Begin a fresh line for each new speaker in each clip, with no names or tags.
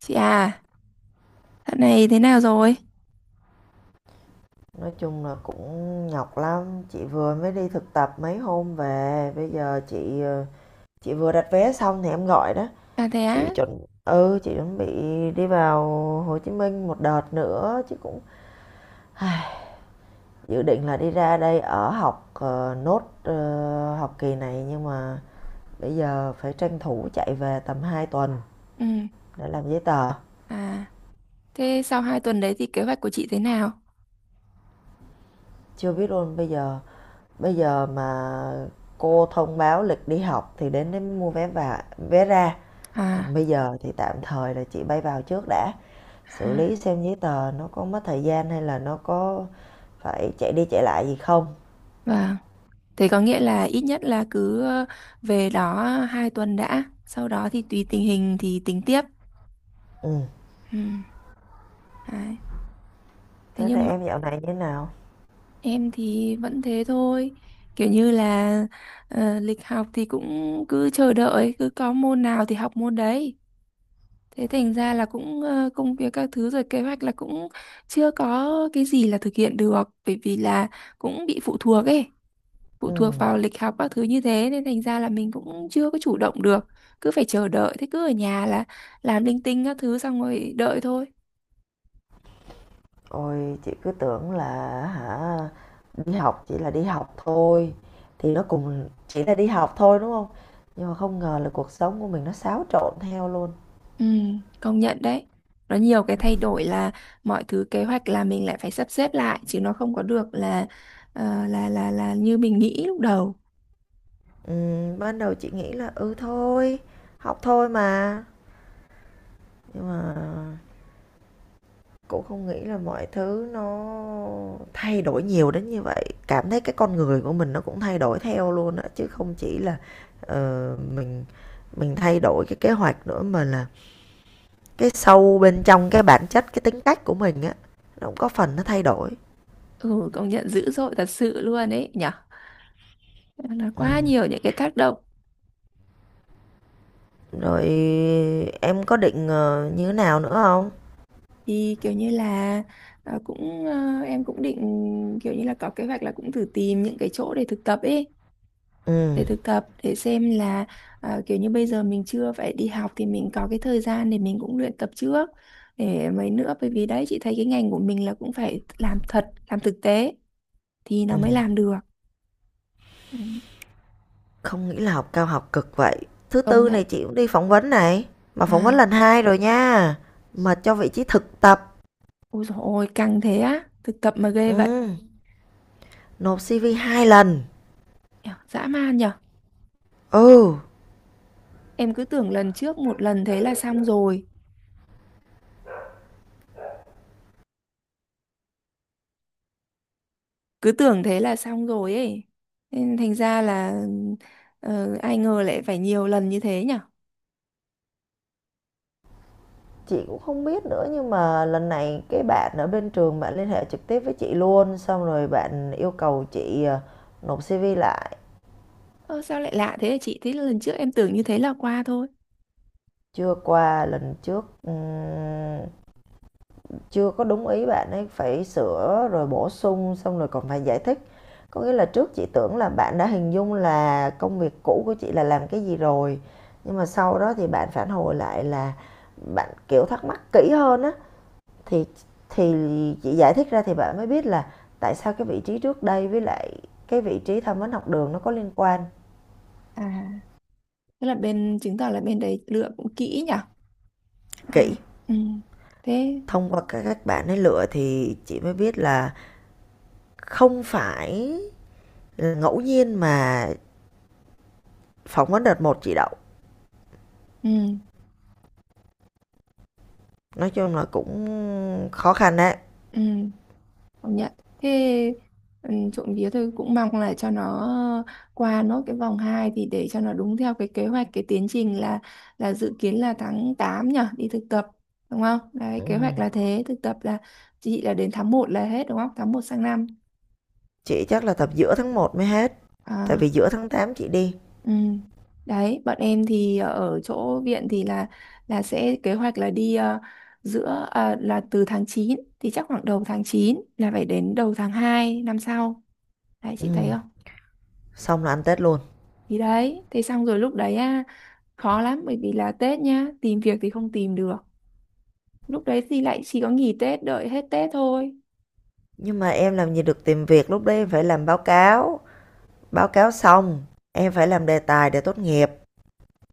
Chị à, dạo này thế nào rồi?
Nói chung là cũng nhọc lắm, chị vừa mới đi thực tập mấy hôm về, bây giờ chị, chị vừa đặt vé xong thì em gọi đó.
À thế á?
Chị chuẩn bị đi vào Hồ Chí Minh một đợt nữa chứ cũng Ai, dự định là đi ra đây ở học nốt học kỳ này nhưng mà bây giờ phải tranh thủ chạy về tầm 2 tuần
Ừ.
để làm giấy tờ.
À, thế sau 2 tuần đấy thì kế hoạch của chị thế nào?
Chưa biết luôn, bây giờ mà cô thông báo lịch đi học thì đến đấy mới mua vé và vé ra. Còn
À,
bây giờ thì tạm thời là chị bay vào trước đã, xử lý
à,
xem giấy tờ nó có mất thời gian hay là nó có phải chạy đi chạy lại gì không.
vâng. Thế có nghĩa là ít nhất là cứ về đó 2 tuần đã, sau đó thì tùy tình hình thì tính tiếp.
Ừm,
Ừ. Đấy. Thế
tới đây
nhưng mà
em dạo này như thế nào?
em thì vẫn thế thôi. Kiểu như là lịch học thì cũng cứ chờ đợi, cứ có môn nào thì học môn đấy. Thế thành ra là cũng công việc các thứ rồi kế hoạch là cũng chưa có cái gì là thực hiện được, bởi vì là cũng bị phụ thuộc ấy, phụ thuộc
Ừm,
vào lịch học các thứ như thế nên thành ra là mình cũng chưa có chủ động được, cứ phải chờ đợi, thế cứ ở nhà là làm linh tinh các thứ xong rồi đợi thôi.
Ôi chị cứ tưởng là hả, đi học chỉ là đi học thôi, thì nó cùng chỉ là đi học thôi, đúng không? Nhưng mà không ngờ là cuộc sống của mình nó xáo trộn theo luôn.
Ừ, công nhận đấy. Nó nhiều cái thay đổi là mọi thứ kế hoạch là mình lại phải sắp xếp lại chứ nó không có được là là như mình nghĩ lúc đầu.
Ban đầu chị nghĩ là, ừ, thôi, học thôi mà, nhưng mà cũng không nghĩ là mọi thứ nó thay đổi nhiều đến như vậy, cảm thấy cái con người của mình nó cũng thay đổi theo luôn á, chứ không chỉ là, ờ, mình mình thay đổi cái kế hoạch nữa mà là cái sâu bên trong cái bản chất, cái tính cách của mình á, nó cũng có phần nó thay đổi.
Ừ, công nhận dữ dội thật sự luôn ấy nhỉ. Là quá
Ừm,
nhiều những cái tác động.
rồi em có định, như thế nào nữa không?
Thì kiểu như là cũng em cũng định kiểu như là có kế hoạch là cũng thử tìm những cái chỗ để thực tập ấy, để
Ừm,
thực tập, để xem là kiểu như bây giờ mình chưa phải đi học thì mình có cái thời gian để mình cũng luyện tập trước để mấy nữa, bởi vì đấy chị thấy cái ngành của mình là cũng phải làm thật, làm thực tế thì nó mới
ừm,
làm được. Ừ.
Không nghĩ là học cao học cực vậy. Thứ
Công
Tư
nhận.
này chị cũng đi phỏng vấn này, mà phỏng vấn
À
lần 2 rồi nha, mà cho vị trí thực tập.
ôi dồi ôi căng thế á, thực tập mà ghê vậy.
Ừ, nộp CV hai lần.
Nhở, dã man nhở.
Ừ,
Em cứ tưởng lần trước một lần thế là xong rồi, cứ tưởng thế là xong rồi ấy, nên thành ra là ai ngờ lại phải nhiều lần như thế nhở.
chị cũng không biết nữa nhưng mà lần này cái bạn ở bên trường bạn liên hệ trực tiếp với chị luôn, xong rồi bạn yêu cầu chị nộp CV lại.
Ơ sao lại lạ thế hả chị, thế lần trước em tưởng như thế là qua thôi.
Chưa qua lần trước, chưa có đúng ý bạn ấy, phải sửa rồi bổ sung xong rồi còn phải giải thích. Có nghĩa là trước chị tưởng là bạn đã hình dung là công việc cũ của chị là làm cái gì rồi, nhưng mà sau đó thì bạn phản hồi lại là bạn kiểu thắc mắc kỹ hơn á thì thì chị giải thích ra thì bạn mới biết là tại sao cái vị trí trước đây với lại cái vị trí tham vấn học đường nó có liên quan.
À tức là bên, chứng tỏ là bên đấy lựa cũng kỹ nhở. Đấy.
Kỹ,
Ừ. Thế.
thông qua các bạn ấy lựa thì chị mới biết là không phải ngẫu nhiên mà phỏng vấn đợt một chị đậu.
Ừ.
Nói chung là cũng khó khăn đấy.
Ừ công nhận. Thế. Ừ, trộm vía tôi cũng mong là cho nó qua nốt cái vòng 2 thì để cho nó đúng theo cái kế hoạch, cái tiến trình là dự kiến là tháng 8 nhở, đi thực tập, đúng không, đấy
Ừ,
kế hoạch là thế. Thực tập là chị là đến tháng 1 là hết đúng không, tháng 1 sang năm.
chị chắc là tập giữa tháng một mới hết, tại vì
À,
giữa tháng 8 chị đi.
ừ. Đấy bọn em thì ở chỗ viện thì là sẽ kế hoạch là đi giữa, à, là từ tháng 9 thì chắc khoảng đầu tháng 9 là phải đến đầu tháng 2 năm sau, đấy chị thấy
Ừ,
không.
xong là ăn tết luôn.
Thì đấy, thế xong rồi lúc đấy á, khó lắm bởi vì là Tết nhá, tìm việc thì không tìm được. Lúc đấy thì lại chỉ có nghỉ Tết, đợi hết Tết thôi.
Nhưng mà em làm gì được tìm việc, lúc đấy em phải làm báo cáo. Báo cáo xong, em phải làm đề tài để tốt nghiệp.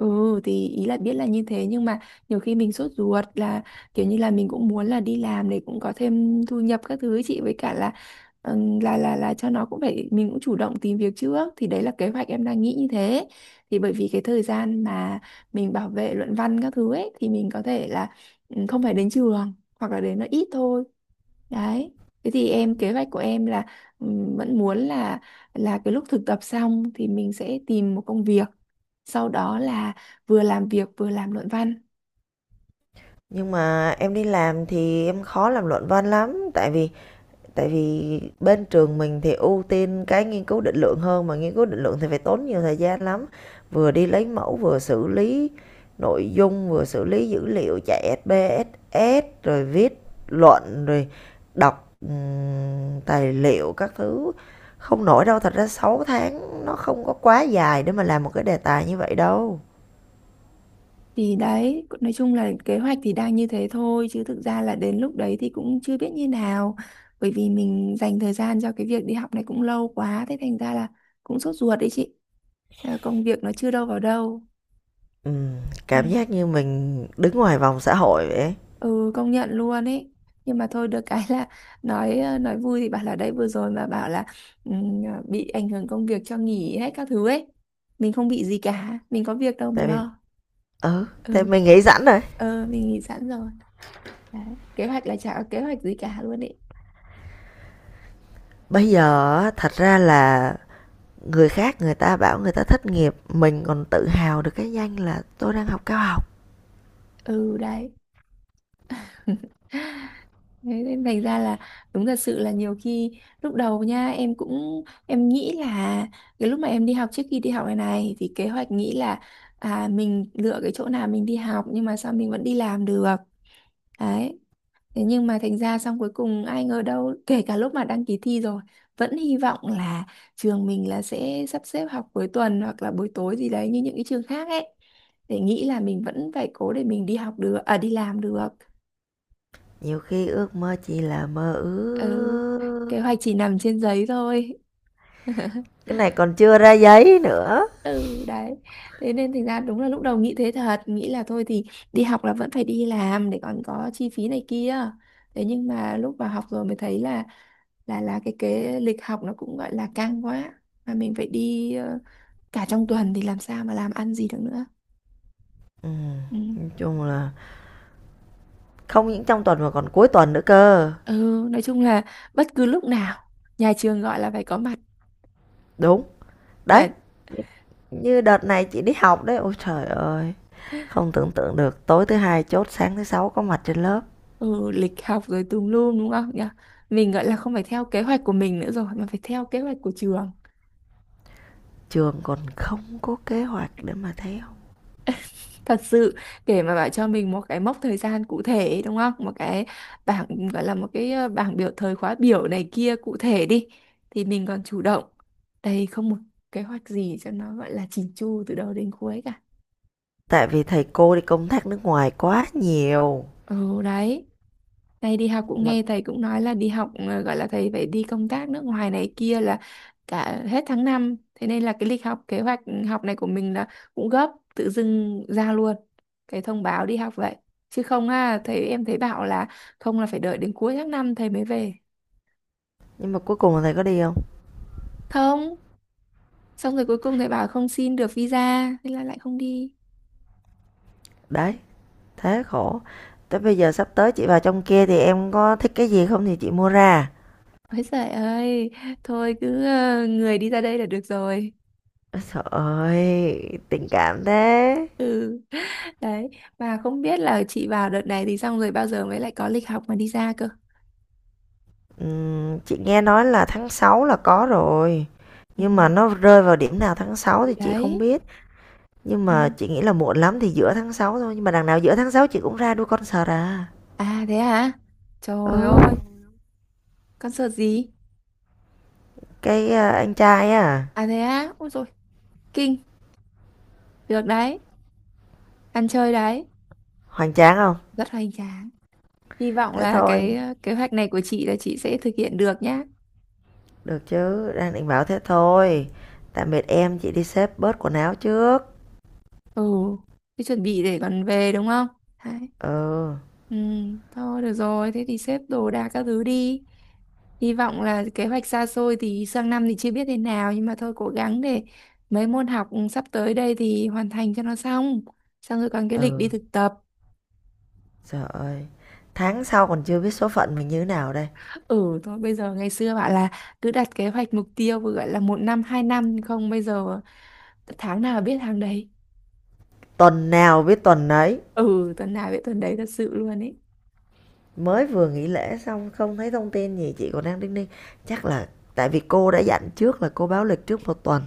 Ừ thì ý là biết là như thế nhưng mà nhiều khi mình sốt ruột là kiểu như là mình cũng muốn là đi làm để cũng có thêm thu nhập các thứ ấy chị, với cả là là cho nó cũng phải, mình cũng chủ động tìm việc trước, thì đấy là kế hoạch em đang nghĩ như thế. Thì bởi vì cái thời gian mà mình bảo vệ luận văn các thứ ấy thì mình có thể là không phải đến trường hoặc là đến nó ít thôi, đấy. Thế thì em kế hoạch của em là vẫn muốn là cái lúc thực tập xong thì mình sẽ tìm một công việc, sau đó là vừa làm việc vừa làm luận văn.
Nhưng mà em đi làm thì em khó làm luận văn lắm, tại vì bên trường mình thì ưu tiên cái nghiên cứu định lượng hơn, mà nghiên cứu định lượng thì phải tốn nhiều thời gian lắm. Vừa đi lấy mẫu, vừa xử lý nội dung, vừa xử lý dữ liệu chạy SPSS rồi viết luận, rồi đọc tài liệu các thứ. Không nổi đâu, thật ra 6 tháng nó không có quá dài để mà làm một cái đề tài như vậy đâu.
Thì đấy nói chung là kế hoạch thì đang như thế thôi chứ thực ra là đến lúc đấy thì cũng chưa biết như nào, bởi vì mình dành thời gian cho cái việc đi học này cũng lâu quá, thế thành ra là cũng sốt ruột đấy chị. À, công việc nó chưa đâu vào đâu.
Ừm, cảm
Ừ,
giác như mình đứng ngoài vòng xã hội vậy ấy.
ừ công nhận luôn ấy. Nhưng mà thôi được cái là nói vui thì bảo là đấy vừa rồi mà bảo là bị ảnh hưởng công việc cho nghỉ hết các thứ ấy, mình không bị gì cả, mình có việc đâu mà
Tại vì
lo.
ừ, tại
Ừ.
mình nghĩ sẵn rồi.
ờ mình nghỉ sẵn rồi. Đấy. Kế hoạch là chả có kế hoạch gì cả luôn ấy.
Bây giờ á, thật ra là người khác người ta bảo người ta thất nghiệp, mình còn tự hào được cái danh là tôi đang học cao học.
Ừ đấy. Thế nên thành ra là đúng thật sự là nhiều khi lúc đầu nha em cũng em nghĩ là cái lúc mà em đi học, trước khi đi học này này thì kế hoạch nghĩ là à mình lựa cái chỗ nào mình đi học nhưng mà sao mình vẫn đi làm được, đấy. Thế nhưng mà thành ra xong cuối cùng ai ngờ đâu kể cả lúc mà đăng ký thi rồi vẫn hy vọng là trường mình là sẽ sắp xếp học cuối tuần hoặc là buổi tối gì đấy như những cái trường khác ấy, để nghĩ là mình vẫn phải cố để mình đi học được, à đi làm được.
Nhiều khi ước mơ chỉ là mơ
Ừ.
ước.
Kế hoạch chỉ nằm trên giấy thôi.
Cái này còn chưa ra giấy nữa.
Ừ đấy. Thế nên thành ra đúng là lúc đầu nghĩ thế thật, nghĩ là thôi thì đi học là vẫn phải đi làm để còn có chi phí này kia. Thế nhưng mà lúc vào học rồi mới thấy là là cái lịch học nó cũng gọi là căng quá, mà mình phải đi cả trong tuần thì làm sao mà làm ăn gì được nữa. Ừ.
Nói chung là không những trong tuần mà còn cuối tuần nữa cơ.
Ừ nói chung là bất cứ lúc nào nhà trường gọi là phải có mặt.
Đúng. Đấy,
Và
như đợt này chị đi học đấy. Ôi trời ơi. Không tưởng tượng được, tối thứ hai chốt sáng thứ sáu có mặt trên lớp.
ừ, lịch học rồi tùm lum đúng không nhỉ, mình gọi là không phải theo kế hoạch của mình nữa rồi mà phải theo kế hoạch của trường.
Trường còn không có kế hoạch để mà theo,
Thật sự. Để mà bảo cho mình một cái mốc thời gian cụ thể ấy, đúng không, một cái bảng, gọi là một cái bảng biểu thời khóa biểu này kia cụ thể đi thì mình còn chủ động. Đây không một kế hoạch gì cho nó gọi là chỉn chu từ đầu đến cuối cả.
tại vì thầy cô đi công tác nước ngoài quá nhiều
Ừ đấy. Thầy đi học cũng
mà.
nghe thầy cũng nói là đi học, gọi là thầy phải đi công tác nước ngoài này kia là cả hết tháng 5, thế nên là cái lịch học, kế hoạch học này của mình là cũng gấp tự dưng ra luôn cái thông báo đi học vậy chứ không. À thầy em thấy bảo là không, là phải đợi đến cuối tháng 5 thầy mới về.
Nhưng mà cuối cùng là thầy có đi không?
Không, xong rồi cuối cùng thầy bảo không xin được visa thế là lại không đi.
Đấy, thế khổ. Tới bây giờ sắp tới chị vào trong kia thì em có thích cái gì không thì chị mua ra.
Ôi trời ơi. Thôi cứ người đi ra đây là được rồi.
Trời ơi tình cảm thế.
Ừ. Đấy, mà không biết là chị vào đợt này thì xong rồi bao giờ mới lại có lịch học mà đi ra cơ.
Chị nghe nói là tháng 6 là có rồi,
Ừ,
nhưng mà nó rơi vào điểm nào tháng sáu
thì
thì chị không
đấy.
biết. Nhưng
Ừ.
mà chị nghĩ là muộn lắm thì giữa tháng 6 thôi, nhưng mà đằng nào giữa tháng 6 chị cũng ra đuôi concert à.
À thế hả? Trời ơi,
Ừ.
concert gì?
Cái, anh trai á,
À thế á? Ôi rồi kinh. Được đấy, ăn chơi đấy.
hoành tráng không?
Rất hoành tráng. Hy vọng
Thế
là
thôi,
cái kế hoạch này của chị là chị sẽ thực hiện được nhá.
được chứ, đang định bảo thế thôi. Tạm biệt em, chị đi xếp bớt quần áo trước.
Ừ, thế chuẩn bị để còn về đúng không, đấy.
Ừ,
Ừ thôi được rồi thế thì xếp đồ đạc các thứ đi, hy vọng là kế hoạch xa xôi thì sang năm thì chưa biết thế nào nhưng mà thôi cố gắng để mấy môn học sắp tới đây thì hoàn thành cho nó xong, xong rồi còn cái lịch đi
ừ,
thực tập.
trời ơi, tháng sau còn chưa biết số phận mình như thế nào đây.
Ừ thôi bây giờ ngày xưa bảo là cứ đặt kế hoạch mục tiêu vừa gọi là một năm hai năm, nhưng không, bây giờ tháng nào biết tháng đấy.
Tuần nào biết tuần nấy.
Ừ tuần nào biết tuần đấy thật sự luôn ấy.
Mới vừa nghỉ lễ xong không thấy thông tin gì, chị còn đang đinh ninh. Chắc là tại vì cô đã dặn trước là cô báo lịch trước một tuần,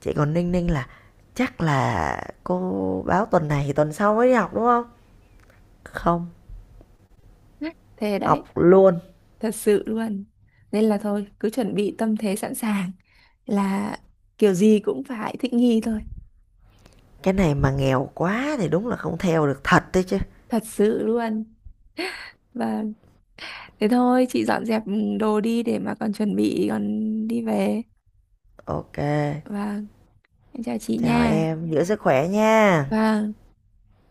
chị còn đinh ninh là chắc là cô báo tuần này thì tuần sau mới đi học, đúng không? Không,
Thế đấy.
học luôn.
Thật sự luôn, nên là thôi cứ chuẩn bị tâm thế sẵn sàng là kiểu gì cũng phải thích nghi thôi.
Cái này mà nghèo quá thì đúng là không theo được thật đấy chứ.
Thật sự luôn. Và thế thôi chị dọn dẹp đồ đi để mà còn chuẩn bị, còn đi về.
OK,
Và em chào chị
chào
nha.
em, giữ sức khỏe nha.
Và